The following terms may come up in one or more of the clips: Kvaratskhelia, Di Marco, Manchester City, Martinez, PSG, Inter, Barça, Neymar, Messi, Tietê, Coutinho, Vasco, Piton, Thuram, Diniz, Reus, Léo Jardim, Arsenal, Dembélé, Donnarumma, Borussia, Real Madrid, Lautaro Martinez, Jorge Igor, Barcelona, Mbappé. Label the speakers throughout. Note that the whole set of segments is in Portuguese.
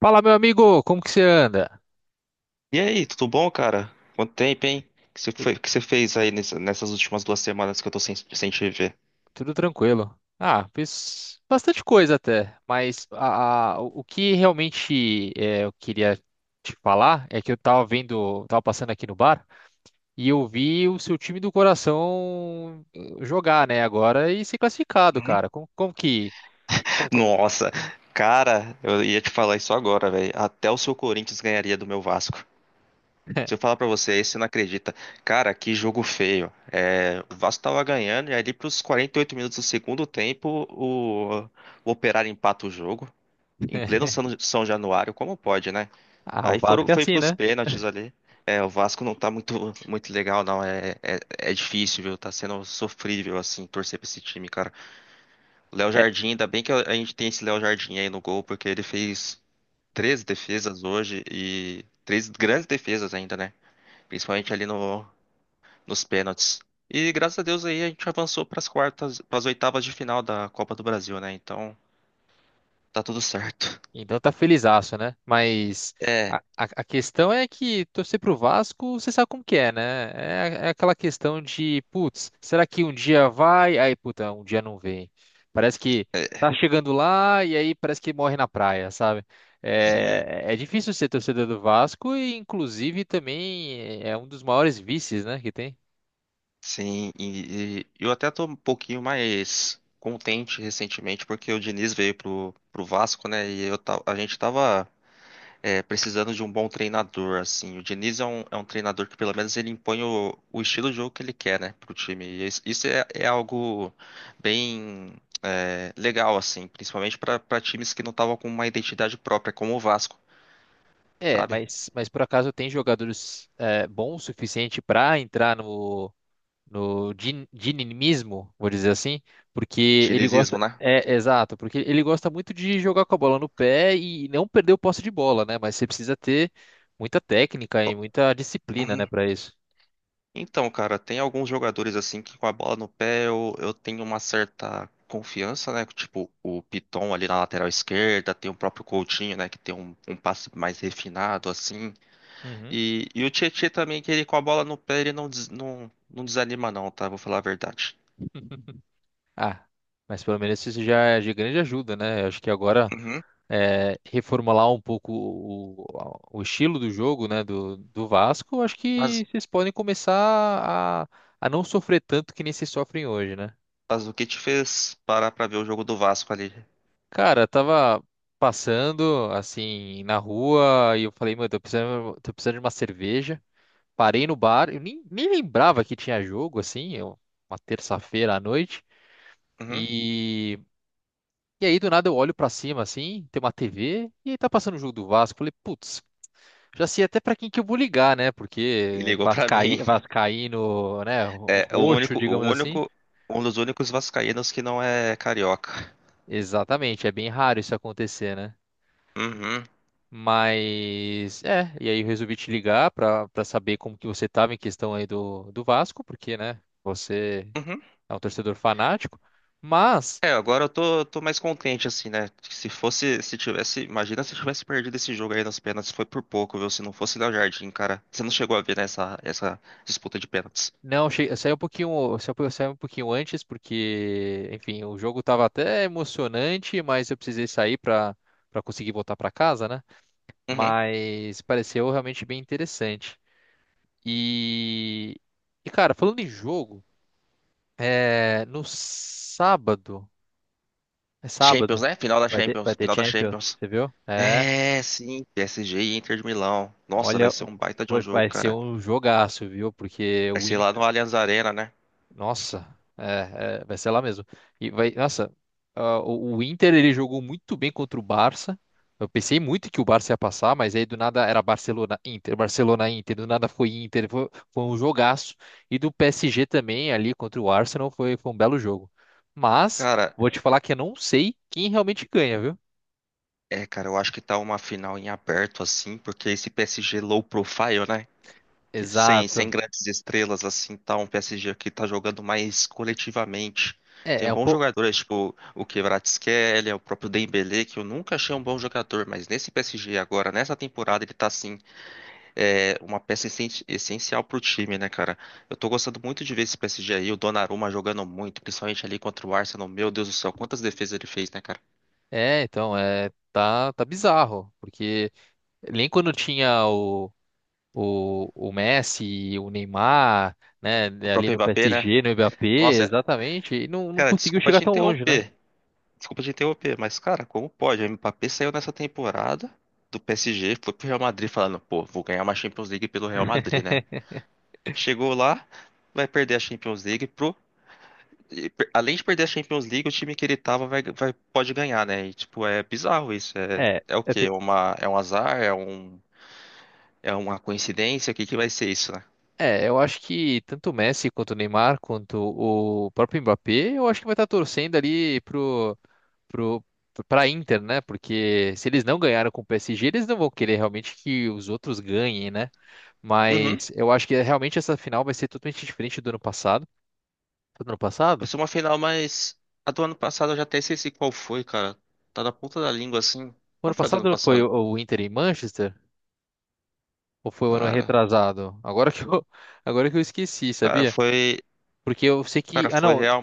Speaker 1: Fala, meu amigo, como que você anda?
Speaker 2: E aí, tudo bom, cara? Quanto tempo, hein? O que que você fez aí nessas últimas duas semanas que eu tô sem te ver?
Speaker 1: Tudo tranquilo? Ah, fiz bastante coisa até, mas o que realmente é, eu queria te falar é que eu tava vendo, tava passando aqui no bar e eu vi o seu time do coração jogar, né, agora e ser classificado, cara. Como, como que. como- co-
Speaker 2: Nossa, cara, eu ia te falar isso agora, velho. Até o seu Corinthians ganharia do meu Vasco. Se eu falar pra você, aí você não acredita. Cara, que jogo feio. É, o Vasco tava ganhando e ali pros 48 minutos do segundo tempo, o Operário empata o jogo. Em pleno São Januário, como pode, né?
Speaker 1: Ah, o Vasco é
Speaker 2: Foi
Speaker 1: assim,
Speaker 2: pros
Speaker 1: né?
Speaker 2: pênaltis ali. É, o Vasco não tá muito legal, não. É difícil, viu? Tá sendo sofrível, assim, torcer pra esse time, cara. O Léo
Speaker 1: É.
Speaker 2: Jardim, ainda bem que a gente tem esse Léo Jardim aí no gol, porque ele fez 13 defesas hoje e três grandes defesas ainda, né? Principalmente ali no, nos pênaltis. E graças a Deus aí a gente avançou para as quartas, para as oitavas de final da Copa do Brasil, né? Então tá tudo certo.
Speaker 1: Então tá felizaço, né? Mas
Speaker 2: É,
Speaker 1: a questão é que torcer pro Vasco, você sabe como que é, né? É, é aquela questão de, putz, será que um dia vai? Aí, puta, um dia não vem. Parece que tá chegando lá e aí parece que morre na praia, sabe?
Speaker 2: sim,
Speaker 1: É, é difícil ser torcedor do Vasco e, inclusive, também é um dos maiores vícios, né, que tem.
Speaker 2: sim. E eu até tô um pouquinho mais contente recentemente porque o Diniz veio pro Vasco, né? E a gente tava precisando de um bom treinador, assim. O Diniz é é um treinador que, pelo menos, ele impõe o estilo de jogo que ele quer, né, pro time. E isso é algo bem legal, assim, principalmente para times que não estavam com uma identidade própria, como o Vasco,
Speaker 1: É,
Speaker 2: sabe?
Speaker 1: mas por acaso tem jogadores bons o suficiente para entrar no dinimismo, vou dizer assim, porque ele gosta,
Speaker 2: Dinizismo, né?
Speaker 1: é, exato, porque ele gosta muito de jogar com a bola no pé e não perder o posse de bola, né? Mas você precisa ter muita técnica e muita disciplina, né,
Speaker 2: Uhum.
Speaker 1: para isso.
Speaker 2: Então, cara, tem alguns jogadores assim que com a bola no pé eu tenho uma certa confiança, né? Tipo o Piton ali na lateral esquerda, tem o próprio Coutinho, né? Que tem um passe mais refinado, assim.
Speaker 1: Uhum.
Speaker 2: E o Tietê também, que ele com a bola no pé, ele não desanima não, tá? Vou falar a verdade.
Speaker 1: Ah, mas pelo menos isso já é de grande ajuda, né? Eu acho que agora
Speaker 2: Uhum.
Speaker 1: reformular um pouco o estilo do jogo, né, do Vasco, eu acho
Speaker 2: Mas,
Speaker 1: que vocês podem começar a, a não sofrer tanto que nem vocês sofrem hoje, né?
Speaker 2: mas o que te fez parar pra ver o jogo do Vasco ali?
Speaker 1: Cara, eu tava passando assim na rua e eu falei, mano, tô precisando de uma cerveja. Parei no bar, eu nem lembrava que tinha jogo assim, uma terça-feira à noite.
Speaker 2: Uhum.
Speaker 1: E, e aí do nada eu olho pra cima assim, tem uma TV e aí tá passando o jogo do Vasco. Falei, putz, já sei até pra quem que eu vou ligar, né?
Speaker 2: E
Speaker 1: Porque
Speaker 2: ligou pra mim.
Speaker 1: Vascaíno, né,
Speaker 2: É o
Speaker 1: roxo,
Speaker 2: o
Speaker 1: digamos assim.
Speaker 2: único, um dos únicos vascaínos que não é carioca.
Speaker 1: Exatamente, é bem raro isso acontecer, né?
Speaker 2: Uhum,
Speaker 1: Mas é, e aí eu resolvi te ligar para para saber como que você estava em questão aí do Vasco, porque, né, você
Speaker 2: uhum.
Speaker 1: é um torcedor fanático, mas
Speaker 2: É, agora eu tô mais contente, assim, né? Se fosse, se tivesse, imagina se tivesse perdido esse jogo aí nas pênaltis, foi por pouco, viu? Se não fosse Léo Jardim, cara. Você não chegou a ver, né, essa disputa de pênaltis.
Speaker 1: não, eu saí um pouquinho, eu saí um pouquinho antes porque, enfim, o jogo estava até emocionante, mas eu precisei sair para para conseguir voltar para casa, né?
Speaker 2: Uhum.
Speaker 1: Mas pareceu realmente bem interessante. E e cara, falando em jogo, é, no sábado. É
Speaker 2: Champions,
Speaker 1: sábado.
Speaker 2: né? Final da
Speaker 1: Vai
Speaker 2: Champions,
Speaker 1: ter
Speaker 2: final da
Speaker 1: Champions,
Speaker 2: Champions.
Speaker 1: você viu? É.
Speaker 2: É, sim, PSG e Inter de Milão. Nossa, vai
Speaker 1: Olha,
Speaker 2: ser um baita de um jogo,
Speaker 1: vai ser
Speaker 2: cara.
Speaker 1: um jogaço, viu? Porque
Speaker 2: Vai
Speaker 1: o
Speaker 2: ser lá no
Speaker 1: Inter.
Speaker 2: Allianz Arena, né?
Speaker 1: Nossa, é, vai ser lá mesmo. E vai, nossa, ah, o Inter ele jogou muito bem contra o Barça. Eu pensei muito que o Barça ia passar, mas aí do nada era Barcelona, Inter, Barcelona, Inter, do nada foi Inter, foi um jogaço. E do PSG também ali contra o Arsenal foi um belo jogo. Mas
Speaker 2: Cara,
Speaker 1: vou te falar que eu não sei quem realmente ganha, viu?
Speaker 2: cara, eu acho que tá uma final em aberto, assim, porque esse PSG low profile, né? Que sem
Speaker 1: Exato.
Speaker 2: grandes estrelas, assim, tá um PSG que tá jogando mais coletivamente.
Speaker 1: É,
Speaker 2: Tem
Speaker 1: é um
Speaker 2: bons
Speaker 1: pouco.
Speaker 2: jogadores, tipo o Kvaratskhelia, o próprio Dembélé, que eu nunca achei um bom jogador, mas nesse PSG agora, nessa temporada, ele tá, assim, é uma peça essencial pro time, né, cara? Eu tô gostando muito de ver esse PSG aí, o Donnarumma jogando muito, principalmente ali contra o Arsenal. Meu Deus do céu, quantas defesas ele fez, né, cara?
Speaker 1: É, então, tá bizarro, porque nem quando tinha o Messi e o Neymar, né,
Speaker 2: O
Speaker 1: ali
Speaker 2: próprio
Speaker 1: no
Speaker 2: Mbappé, né?
Speaker 1: PSG, no Mbappé,
Speaker 2: Nossa, é-
Speaker 1: exatamente, e não, não
Speaker 2: cara,
Speaker 1: conseguiu
Speaker 2: desculpa
Speaker 1: chegar
Speaker 2: te
Speaker 1: tão longe, né?
Speaker 2: interromper. Desculpa te interromper, mas, cara, como pode? O Mbappé saiu nessa temporada do PSG, foi pro Real Madrid falando, pô, vou ganhar uma Champions League pelo Real Madrid, né? Chegou lá, vai perder a Champions League além de perder a Champions League, o time que ele tava pode ganhar, né? E, tipo, é bizarro isso. É,
Speaker 1: É.
Speaker 2: é o quê? É um azar? É uma coincidência? O que que vai ser isso, né?
Speaker 1: É, eu acho que tanto o Messi quanto o Neymar, quanto o próprio Mbappé, eu acho que vai estar torcendo pro, pra Inter, né? Porque se eles não ganharam com o PSG, eles não vão querer realmente que os outros ganhem, né?
Speaker 2: Uhum.
Speaker 1: Mas eu acho que realmente essa final vai ser totalmente diferente do ano passado. Foi do ano
Speaker 2: Vai
Speaker 1: passado?
Speaker 2: ser uma final, mas a do ano passado eu já até esqueci qual foi, cara. Tá na ponta da língua, assim.
Speaker 1: O ano
Speaker 2: Qual foi a do ano
Speaker 1: passado foi
Speaker 2: passado?
Speaker 1: o Inter em Manchester? Ou foi o ano
Speaker 2: Cara,
Speaker 1: retrasado? Agora que eu, agora que eu esqueci,
Speaker 2: cara,
Speaker 1: sabia?
Speaker 2: foi,
Speaker 1: Porque eu sei que.
Speaker 2: cara,
Speaker 1: Ah,
Speaker 2: foi
Speaker 1: não.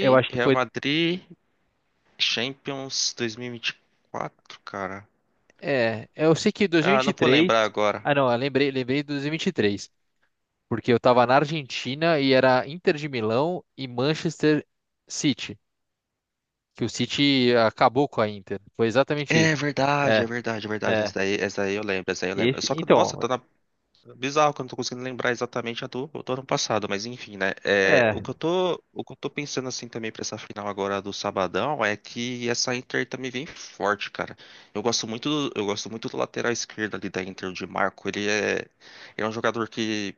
Speaker 1: Eu acho que
Speaker 2: Real
Speaker 1: foi.
Speaker 2: Madrid Champions 2024, cara.
Speaker 1: É, é, eu sei que
Speaker 2: Ah, não vou
Speaker 1: 2023.
Speaker 2: lembrar agora.
Speaker 1: Ah, não, lembrei de 2023, porque eu tava na Argentina e era Inter de Milão e Manchester City, que o City acabou com a Inter. Foi exatamente isso.
Speaker 2: É verdade, é
Speaker 1: É,
Speaker 2: verdade, é verdade.
Speaker 1: é.
Speaker 2: Essa daí eu lembro, essa daí eu lembro.
Speaker 1: Esse,
Speaker 2: Só que, nossa,
Speaker 1: então,
Speaker 2: tá na... Bizarro que eu não tô conseguindo lembrar exatamente a do ano passado, mas enfim, né? É, o
Speaker 1: é,
Speaker 2: que eu tô, o que eu tô pensando assim também pra essa final agora do Sabadão é que essa Inter também vem forte, cara. Eu gosto muito do, eu gosto muito do lateral esquerdo ali da Inter, o Di Marco. Ele é um jogador que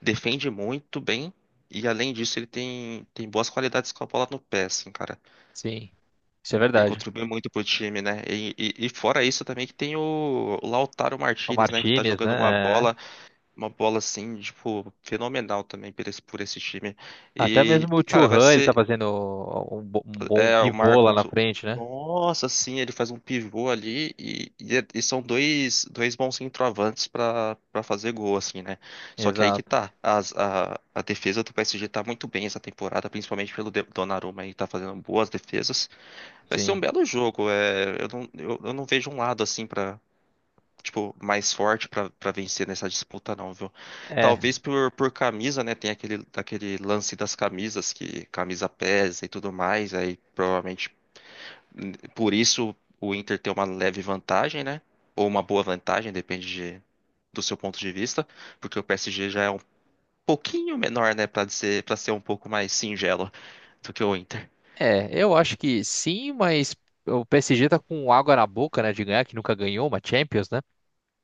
Speaker 2: defende muito bem e, além disso, ele tem boas qualidades com a bola no pé, assim, cara.
Speaker 1: sim. Isso é
Speaker 2: Ele
Speaker 1: verdade.
Speaker 2: contribuiu muito pro time, né? E, e fora isso também que tem o Lautaro
Speaker 1: O
Speaker 2: Martinez, né? Que tá
Speaker 1: Martinez,
Speaker 2: jogando
Speaker 1: né? É.
Speaker 2: uma bola assim, tipo, fenomenal também por por esse time.
Speaker 1: Até mesmo
Speaker 2: E,
Speaker 1: o
Speaker 2: cara, vai
Speaker 1: Thuram, ele tá
Speaker 2: ser
Speaker 1: fazendo um bom
Speaker 2: é, o
Speaker 1: pivô lá
Speaker 2: Marco.
Speaker 1: na frente, né?
Speaker 2: Nossa, sim, ele faz um pivô ali e são dois bons centroavantes pra para fazer gol, assim, né? Só que aí que
Speaker 1: Exato.
Speaker 2: tá. A defesa do PSG tá muito bem essa temporada, principalmente pelo Donnarumma aí, tá fazendo boas defesas. Vai ser um
Speaker 1: Sim.
Speaker 2: belo jogo. É, eu não vejo um lado assim pra tipo mais forte pra para vencer nessa disputa não, viu?
Speaker 1: É.
Speaker 2: Talvez por camisa, né? Tem aquele lance das camisas que camisa pesa e tudo mais. Aí provavelmente por isso o Inter tem uma leve vantagem, né? Ou uma boa vantagem, depende de- do seu ponto de vista, porque o PSG já é um pouquinho menor, né? Para ser um pouco mais singelo do que o Inter.
Speaker 1: É, eu acho que sim, mas o PSG tá com água na boca, né, de ganhar, que nunca ganhou uma Champions, né?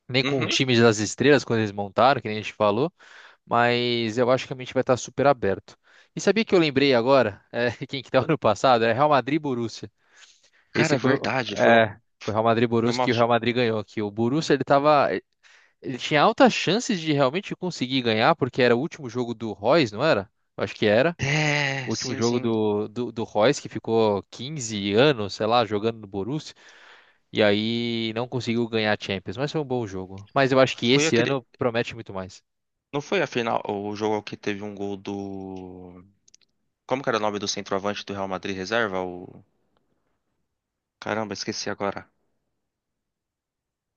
Speaker 1: Nem com os
Speaker 2: Uhum.
Speaker 1: times das estrelas, quando eles montaram, que nem a gente falou, mas eu acho que a mente vai estar super aberto. E sabia que eu lembrei agora, é, quem que tava no passado? É Real Madrid e Borussia.
Speaker 2: Cara,
Speaker 1: Esse
Speaker 2: é
Speaker 1: foi,
Speaker 2: verdade. Foi, um-
Speaker 1: é, foi Real Madrid e
Speaker 2: foi
Speaker 1: Borussia
Speaker 2: uma.
Speaker 1: que o Real Madrid ganhou, que o Borussia, ele tava, ele tinha altas chances de realmente conseguir ganhar, porque era o último jogo do Royce, não era? Eu acho que era
Speaker 2: É,
Speaker 1: o último
Speaker 2: sim,
Speaker 1: jogo
Speaker 2: sim.
Speaker 1: do Reus, que ficou 15 anos, sei lá, jogando no Borussia, e aí não conseguiu ganhar a Champions, mas foi um bom jogo. Mas eu acho que
Speaker 2: Foi
Speaker 1: esse
Speaker 2: aquele.
Speaker 1: ano promete muito mais.
Speaker 2: Não foi a final, o jogo que teve um gol do. Como que era o nome do centroavante do Real Madrid reserva? O... Caramba, esqueci agora.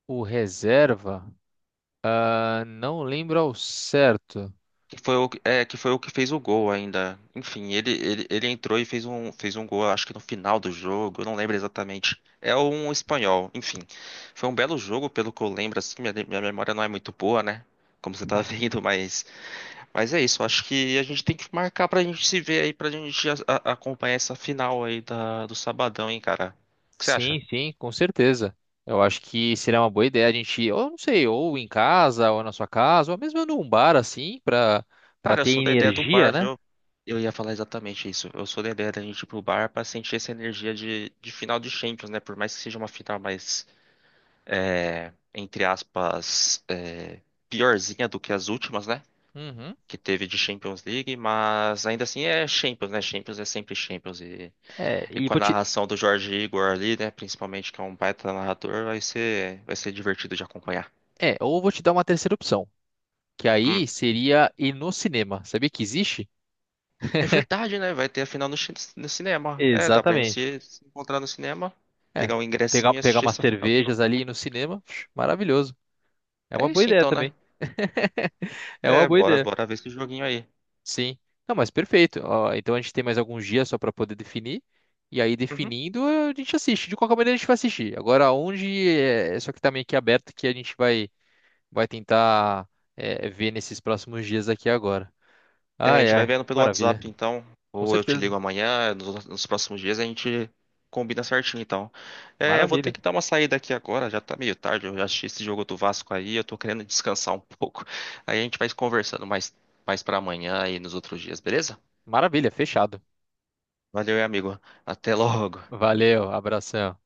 Speaker 1: O reserva, ah, não lembro ao certo.
Speaker 2: É, que foi o que fez o gol ainda. Enfim, ele entrou e fez fez um gol, acho que no final do jogo, eu não lembro exatamente. É um espanhol. Enfim, foi um belo jogo, pelo que eu lembro, assim, minha memória não é muito boa, né? Como você tá
Speaker 1: Hum.
Speaker 2: vendo, mas. Mas é isso, acho que a gente tem que marcar pra gente se ver aí, pra gente acompanhar essa final aí do sabadão, hein, cara. O que você acha?
Speaker 1: Sim, sim, com certeza. Eu acho que seria uma boa ideia a gente, ou não sei, ou em casa, ou na sua casa, ou mesmo num bar assim, pra, pra
Speaker 2: Cara, eu
Speaker 1: ter
Speaker 2: sou da ideia do
Speaker 1: energia,
Speaker 2: bar,
Speaker 1: né?
Speaker 2: viu? Eu ia falar exatamente isso. Eu sou da ideia da gente ir pro bar pra sentir essa energia de final de Champions, né? Por mais que seja uma final mais, é, entre aspas, é, piorzinha do que as últimas, né?
Speaker 1: Uhum.
Speaker 2: Que teve de Champions League, mas ainda assim é Champions, né? Champions é sempre Champions. e
Speaker 1: É,
Speaker 2: E
Speaker 1: e
Speaker 2: com a
Speaker 1: vou te,
Speaker 2: narração do Jorge Igor ali, né? Principalmente que é um baita narrador, vai vai ser divertido de acompanhar.
Speaker 1: ou vou te dar uma terceira opção. Que aí
Speaker 2: Hum.
Speaker 1: seria ir no cinema. Sabia que existe?
Speaker 2: É verdade, né? Vai ter a final no cinema. É, dá pra gente
Speaker 1: Exatamente.
Speaker 2: se encontrar no cinema,
Speaker 1: É,
Speaker 2: pegar um ingressinho e
Speaker 1: pegar
Speaker 2: assistir
Speaker 1: umas
Speaker 2: essa final do jogo.
Speaker 1: cervejas ali e ir no cinema, psh, maravilhoso. É uma
Speaker 2: É
Speaker 1: boa
Speaker 2: isso
Speaker 1: ideia
Speaker 2: então, né?
Speaker 1: também. É uma
Speaker 2: É,
Speaker 1: boa ideia.
Speaker 2: bora ver esse joguinho aí.
Speaker 1: Sim. Não, mas perfeito. Ó, então a gente tem mais alguns dias só para poder definir. E aí,
Speaker 2: Uhum.
Speaker 1: definindo, a gente assiste. De qualquer maneira, a gente vai assistir. Agora, onde é só que tá meio que aberto que vai tentar é, ver nesses próximos dias aqui agora.
Speaker 2: É, a
Speaker 1: Ai,
Speaker 2: gente vai
Speaker 1: ai,
Speaker 2: vendo pelo
Speaker 1: maravilha.
Speaker 2: WhatsApp, então.
Speaker 1: Com
Speaker 2: Ou eu te
Speaker 1: certeza.
Speaker 2: ligo amanhã, nos próximos dias a gente combina certinho, então. É, eu vou ter
Speaker 1: Maravilha.
Speaker 2: que dar uma saída aqui agora, já tá meio tarde, eu já assisti esse jogo do Vasco aí, eu tô querendo descansar um pouco. Aí a gente vai conversando mais pra amanhã e nos outros dias, beleza?
Speaker 1: Maravilha, fechado.
Speaker 2: Valeu, amigo. Até logo.
Speaker 1: Valeu, abração.